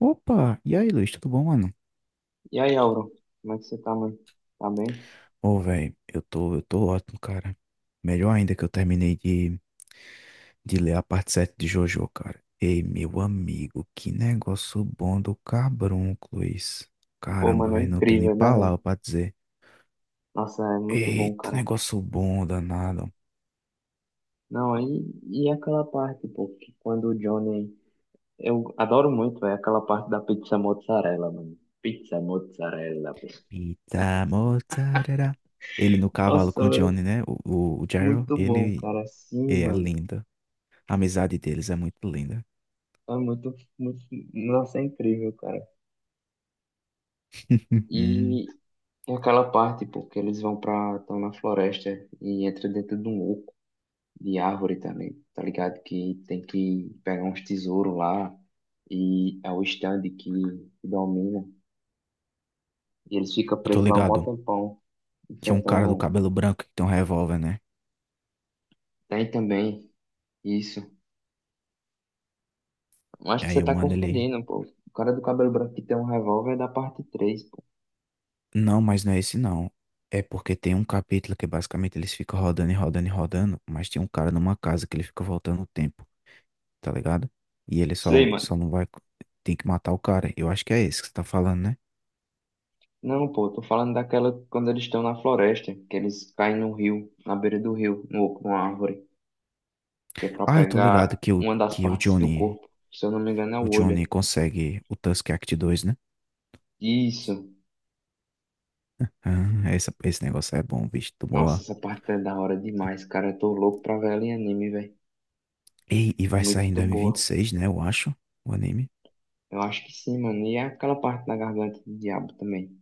Opa! E aí, Luiz, tudo bom, mano? E aí, Auro, como é que você tá, mano? Tá bem? Ô, velho, eu tô ótimo, cara. Melhor ainda que eu terminei de ler a parte 7 de Jojo, cara. Ei, meu amigo, que negócio bom do cabrunco, Luiz. Pô, Caramba, mano, é velho, não tenho nem incrível, né, velho? palavra pra dizer. Nossa, é muito bom, Eita, cara. negócio bom, danado. Não, aí, e aquela parte, pô, que quando o Johnny. Eu adoro muito, velho, aquela parte da pizza mozzarella, mano. Pizza mozzarella, pô. Pita mozzarella. Ele no cavalo com Nossa, o velho, Johnny, né? O Gerald, muito bom, ele cara. Sim, é mano. lindo. A amizade deles é muito linda. É muito, muito. Nossa, é incrível, cara. E, aquela parte, pô, que eles vão pra. Estão na floresta e entra dentro de um oco. De árvore também, tá ligado? Que tem que pegar uns tesouros lá e é o stand que domina. E eles ficam Eu tô presos lá um mó ligado. tempão, Tinha um cara do enfrentando. cabelo branco que tem um revólver, né? Tem também isso. Eu acho E que você aí o tá mano, ele. confundindo, pô. O cara do cabelo branco que tem um revólver é da parte três, pô. Não, mas não é esse não. É porque tem um capítulo que basicamente eles ficam rodando e rodando e rodando, mas tem um cara numa casa que ele fica voltando o tempo, tá ligado? E ele Sei, mano. só não vai. Tem que matar o cara. Eu acho que é esse que você tá falando, né? Não, pô, tô falando daquela quando eles estão na floresta, que eles caem no rio, na beira do rio, no, numa árvore, que é pra Ah, eu tô ligado pegar que uma das que o partes do Johnny. corpo. Se eu não me engano, é o O Johnny olho. consegue o Tusk Act 2, né? Isso. Esse negócio é bom, bicho. Tô Nossa, boa. essa parte é da hora demais, cara. Eu tô louco pra ver ela em anime, velho. Ei, e vai sair em Muito boa. 2026, né? Eu acho. O anime. Eu acho que sim, mano. E é aquela parte da garganta do diabo também.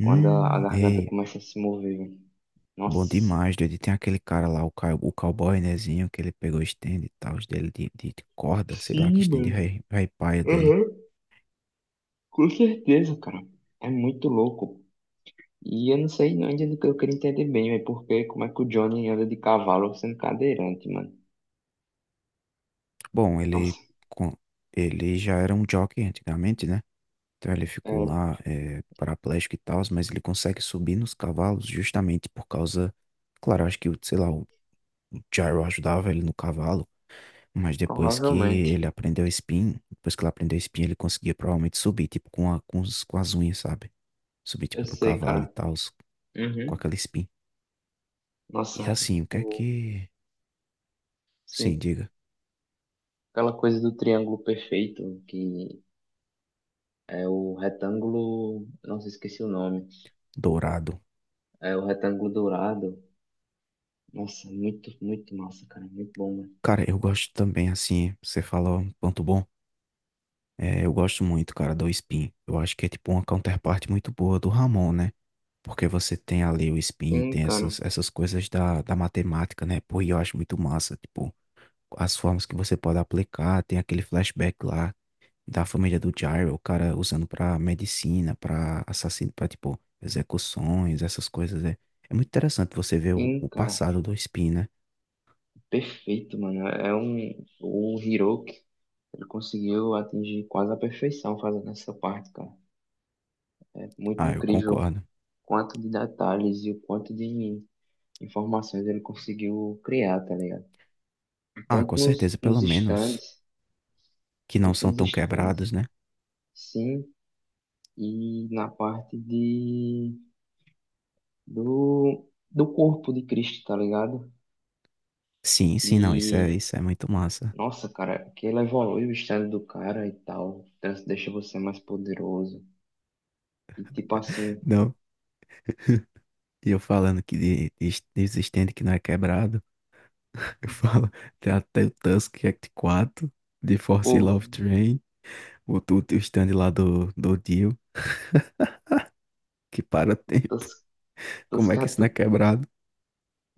Quando a garganta Ei. começa a se mover, velho. Bom Nossa. demais, doido. E tem aquele cara lá, o cowboy, nézinho, que ele pegou o stand e tal, os dele de corda, sei lá, que Sim, stand mano. Rei paia dele. Aham. Com certeza, cara. É muito louco. E eu não sei não, que eu queria entender bem, velho. Porque como é que o Johnny anda de cavalo sendo cadeirante, mano? Bom, Nossa. com- ele já era um jockey antigamente, né? Então ele É, ficou lá paraplégico e tal, mas ele consegue subir nos cavalos justamente por causa. Claro, sei lá, o gyro ajudava ele no cavalo, mas depois que provavelmente. ele aprendeu spin, depois que ele aprendeu spin, ele conseguia provavelmente subir, tipo, com as unhas, sabe? Subir Eu tipo no sei, cavalo e cara. tal. Com Uhum. aquela espinha. E Nossa. assim, o que é O... que. Sim, Sim. diga. Aquela coisa do triângulo perfeito, que é o retângulo. Nossa, esqueci o nome. Dourado. É o retângulo dourado. Nossa, muito, muito massa, cara. Muito bom, mano. Cara, eu gosto também, assim, você fala um ponto bom. É, eu gosto muito, cara, do Spin. Eu acho que é tipo uma counterparte muito boa do Ramon, né? Porque você tem ali o Spin, Sim, tem cara. essas, da matemática, né? Pô, e eu acho muito massa, tipo, as formas que você pode aplicar, tem aquele flashback lá da família do Gyro, o cara usando pra medicina, pra assassino, pra tipo execuções, essas coisas. É, é muito interessante você ver Sim, o cara. passado do Spin, né? Perfeito, mano. É um. O Hiroki, ele conseguiu atingir quase a perfeição fazendo essa parte, cara. É muito Ah, eu incrível o concordo. quanto de detalhes e o quanto de informações ele conseguiu criar, tá ligado? Ah, com Tanto nos, certeza, nos pelo menos stands, que não tanto são nos tão stands. quebrados, né? Sim, e na parte de do, do corpo de Cristo, tá ligado? Sim, sim, não, Que, isso é muito massa. nossa, cara, que ela evolui o estado do cara e tal, deixa você mais poderoso. E tipo assim, Não, e eu falando de stand que não é quebrado, eu falo, tem até o Tusk Act 4, de Force porra, Love Train, o, o, o stand lá do Dio, que para tempo. Tos- Como é que isso não é Toscato, quebrado?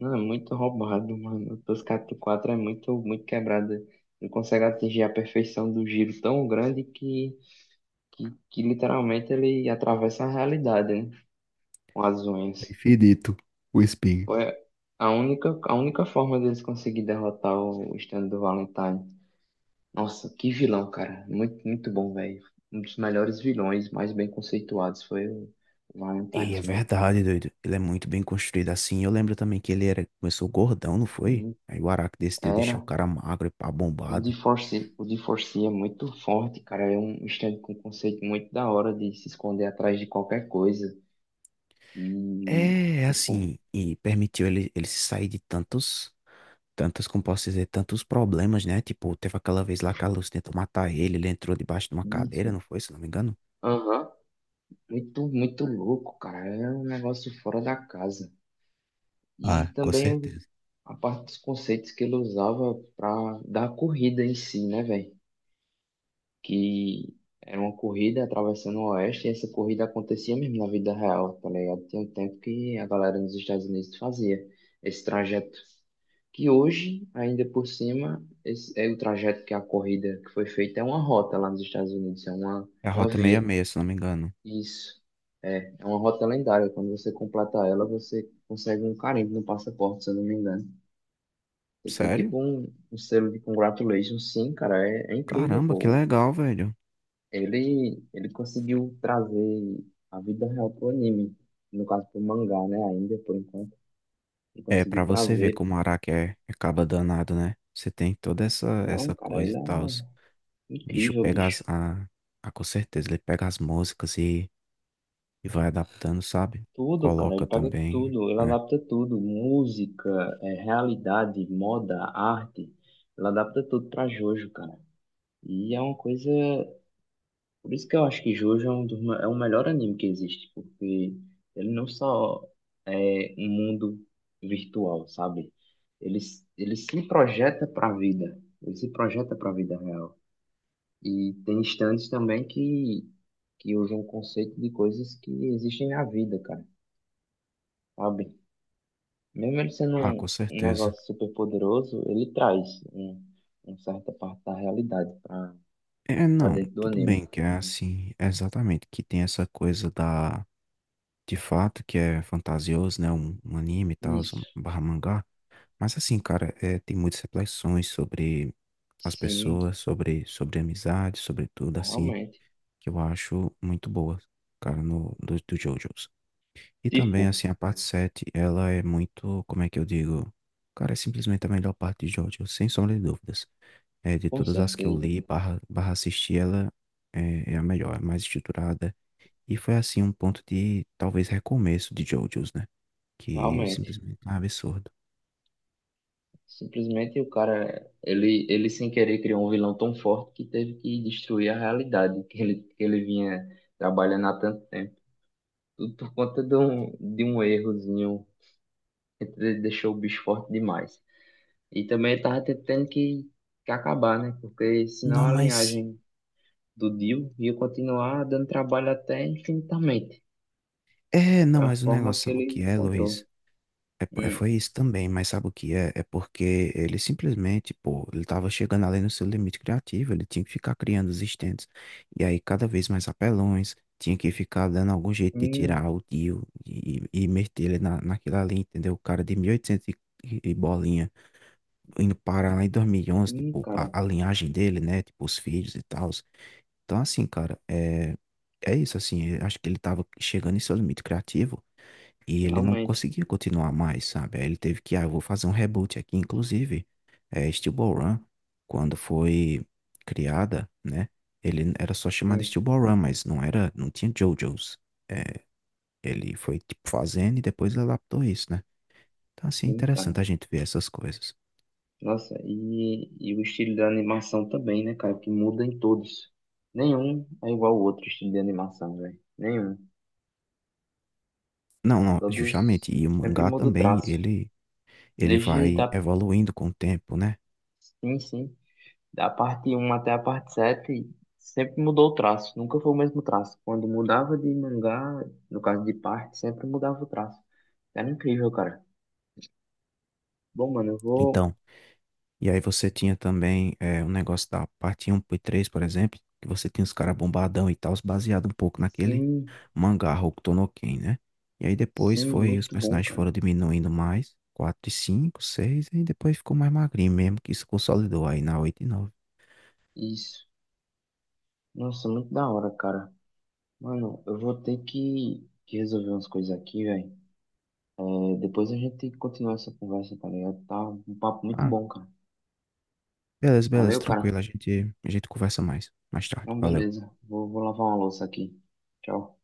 não, é muito roubado, mano. Toscato 4 é muito, muito quebrada. Não consegue atingir a perfeição do giro tão grande que, que literalmente ele atravessa a realidade, né? Com as É unhas. infinito o espinho. Foi a única forma deles conseguir derrotar o stand do Valentine. Nossa, que vilão, cara. Muito, muito bom, velho. Um dos melhores vilões, mais bem conceituados, foi o E é Valentine, mano. verdade, doido. Ele é muito bem construído assim. Eu lembro também que ele era, começou gordão, não foi? Hum. Aí o Araki decidiu deixar o Era. cara magro e pá, O bombado. D4C, o D4C é muito forte, cara. É um stand com um conceito muito da hora de se esconder atrás de qualquer coisa. E, É, é tipo, assim, e permitiu ele se sair de tantos, tantos, como posso dizer, tantos problemas, né? Tipo, teve aquela vez lá que a Lucy tentou matar ele, ele entrou debaixo de uma cadeira, isso. não foi? Se não me engano. Aham. Muito, muito louco, cara. É um negócio fora da casa. E Ah, com também certeza. a parte dos conceitos que ele usava para dar a corrida em si, né, velho? Que era uma corrida atravessando o Oeste e essa corrida acontecia mesmo na vida real, tá ligado? Tem um tempo que a galera nos Estados Unidos fazia esse trajeto. Que hoje, ainda por cima, esse é o trajeto que a corrida que foi feita é uma rota lá nos Estados Unidos, é É a uma Rota via. 66, se não me engano. Isso. É, é uma rota lendária. Quando você completa ela, você consegue um carimbo no passaporte, se eu não me engano. Você tem Sério? tipo um, um selo de congratulations, sim, cara, é, é incrível, Caramba, que pô. legal, velho. Ele conseguiu trazer a vida real pro anime, no caso pro mangá, né, ainda, por enquanto. Ele É, pra conseguiu você ver trazer. como o Araki é caba danado, né? Você tem toda essa, Não, essa cara, coisa ele e tal. O é bicho incrível, pega bicho. as. Com certeza, ele pega as músicas e vai adaptando, sabe? Tudo, cara, ele Coloca pega também. tudo, ele É. adapta tudo, música, é, realidade, moda, arte, ele adapta tudo pra Jojo, cara. E é uma coisa. Por isso que eu acho que Jojo é um dos, é o melhor anime que existe, porque ele não só é um mundo virtual, sabe? Ele, ele se projeta para a vida, ele se projeta para a vida real. E tem instantes também que usam o conceito de coisas que existem na vida, cara, sabe? Mesmo ele sendo Ah, um, com um certeza. negócio super poderoso, ele traz um, uma certa parte da realidade para É, não, dentro do tudo anime. bem que é assim, é exatamente, que tem essa coisa da. De fato, que é fantasioso, né? Um anime e tal, Isso, um barra mangá. Mas assim, cara, é, tem muitas reflexões sobre as sim, pessoas, sobre amizade, sobre tudo, assim. realmente. Que eu acho muito boa, cara, no, do, do JoJo's. E também, Tipo, assim, a parte 7, ela é muito, como é que eu digo? Cara, é simplesmente a melhor parte de JoJo, sem sombra de dúvidas. É, de com todas as que eu certeza, li, barra assisti, ela é a melhor, é mais estruturada. E foi, assim, um ponto de, talvez, recomeço de JoJo's, né? Que realmente. simplesmente é um absurdo. Simplesmente o cara, ele sem querer criou um vilão tão forte que teve que destruir a realidade que ele vinha trabalhando há tanto tempo. Tudo por conta de um errozinho que deixou o bicho forte demais. E também ele tava tendo que acabar, né? Porque senão Não, a mas... linhagem do Dio ia continuar dando trabalho até infinitamente. É, Foi não, a mas o forma negócio, que sabe o ele que é, encontrou. Luiz? Hum, Foi isso também, mas sabe o que é? É porque ele simplesmente, pô, ele tava chegando além do seu limite criativo, ele tinha que ficar criando os stands. E aí, cada vez mais apelões, tinha que ficar dando algum jeito de hum, tirar o tio e meter ele naquilo ali, entendeu? O cara de mil e, oitocentos e bolinha, indo parar lá em 2011 tipo, cara, a linhagem dele, né? Tipo, os filhos e tal. Então, assim, cara, é, é isso, assim, eu acho que ele tava chegando em seu limite criativo. E ele não realmente. conseguia continuar mais, sabe? Aí ele teve que, ah, eu vou fazer um reboot aqui. Inclusive, é, Steel Ball Run, quando foi criada, né? Ele era só chamado Hum, Steel Ball Run, mas não era, não tinha JoJo's. É, ele foi, tipo, fazendo e depois adaptou isso, né? Então, assim, é sim, cara. interessante a gente ver essas coisas. Nossa, e o estilo da animação também, né, cara? Que muda em todos. Nenhum é igual ao outro estilo de animação, velho. Nenhum. Não, não, Todos justamente. E o sempre mangá muda o também, traço. ele Desde vai da, evoluindo com o tempo, né? sim, sim, da parte um até a parte 7 sempre mudou o traço. Nunca foi o mesmo traço. Quando mudava de mangá, no caso de parte, sempre mudava o traço. Era incrível, cara. Bom, mano, eu vou. Então, e aí você tinha também é, um negócio da parte 1 e 3, por exemplo, que você tinha os caras bombadão e tal, baseado um pouco naquele Sim, mangá Hokuto no Ken, né? E aí depois sim, foi, os muito bom, personagens cara. foram diminuindo mais, 4 e 5, 6, e depois ficou mais magrinho mesmo, que isso consolidou aí na 8 e 9. Isso. Nossa, muito da hora, cara. Mano, eu vou ter que, resolver umas coisas aqui, velho. É, depois a gente continua essa conversa, tá ligado? Tá um papo muito Ah, bom, cara. beleza, beleza, Valeu, cara. tranquilo, a gente conversa mais, mais tarde, Então, valeu. beleza. Vou lavar uma louça aqui. Tchau.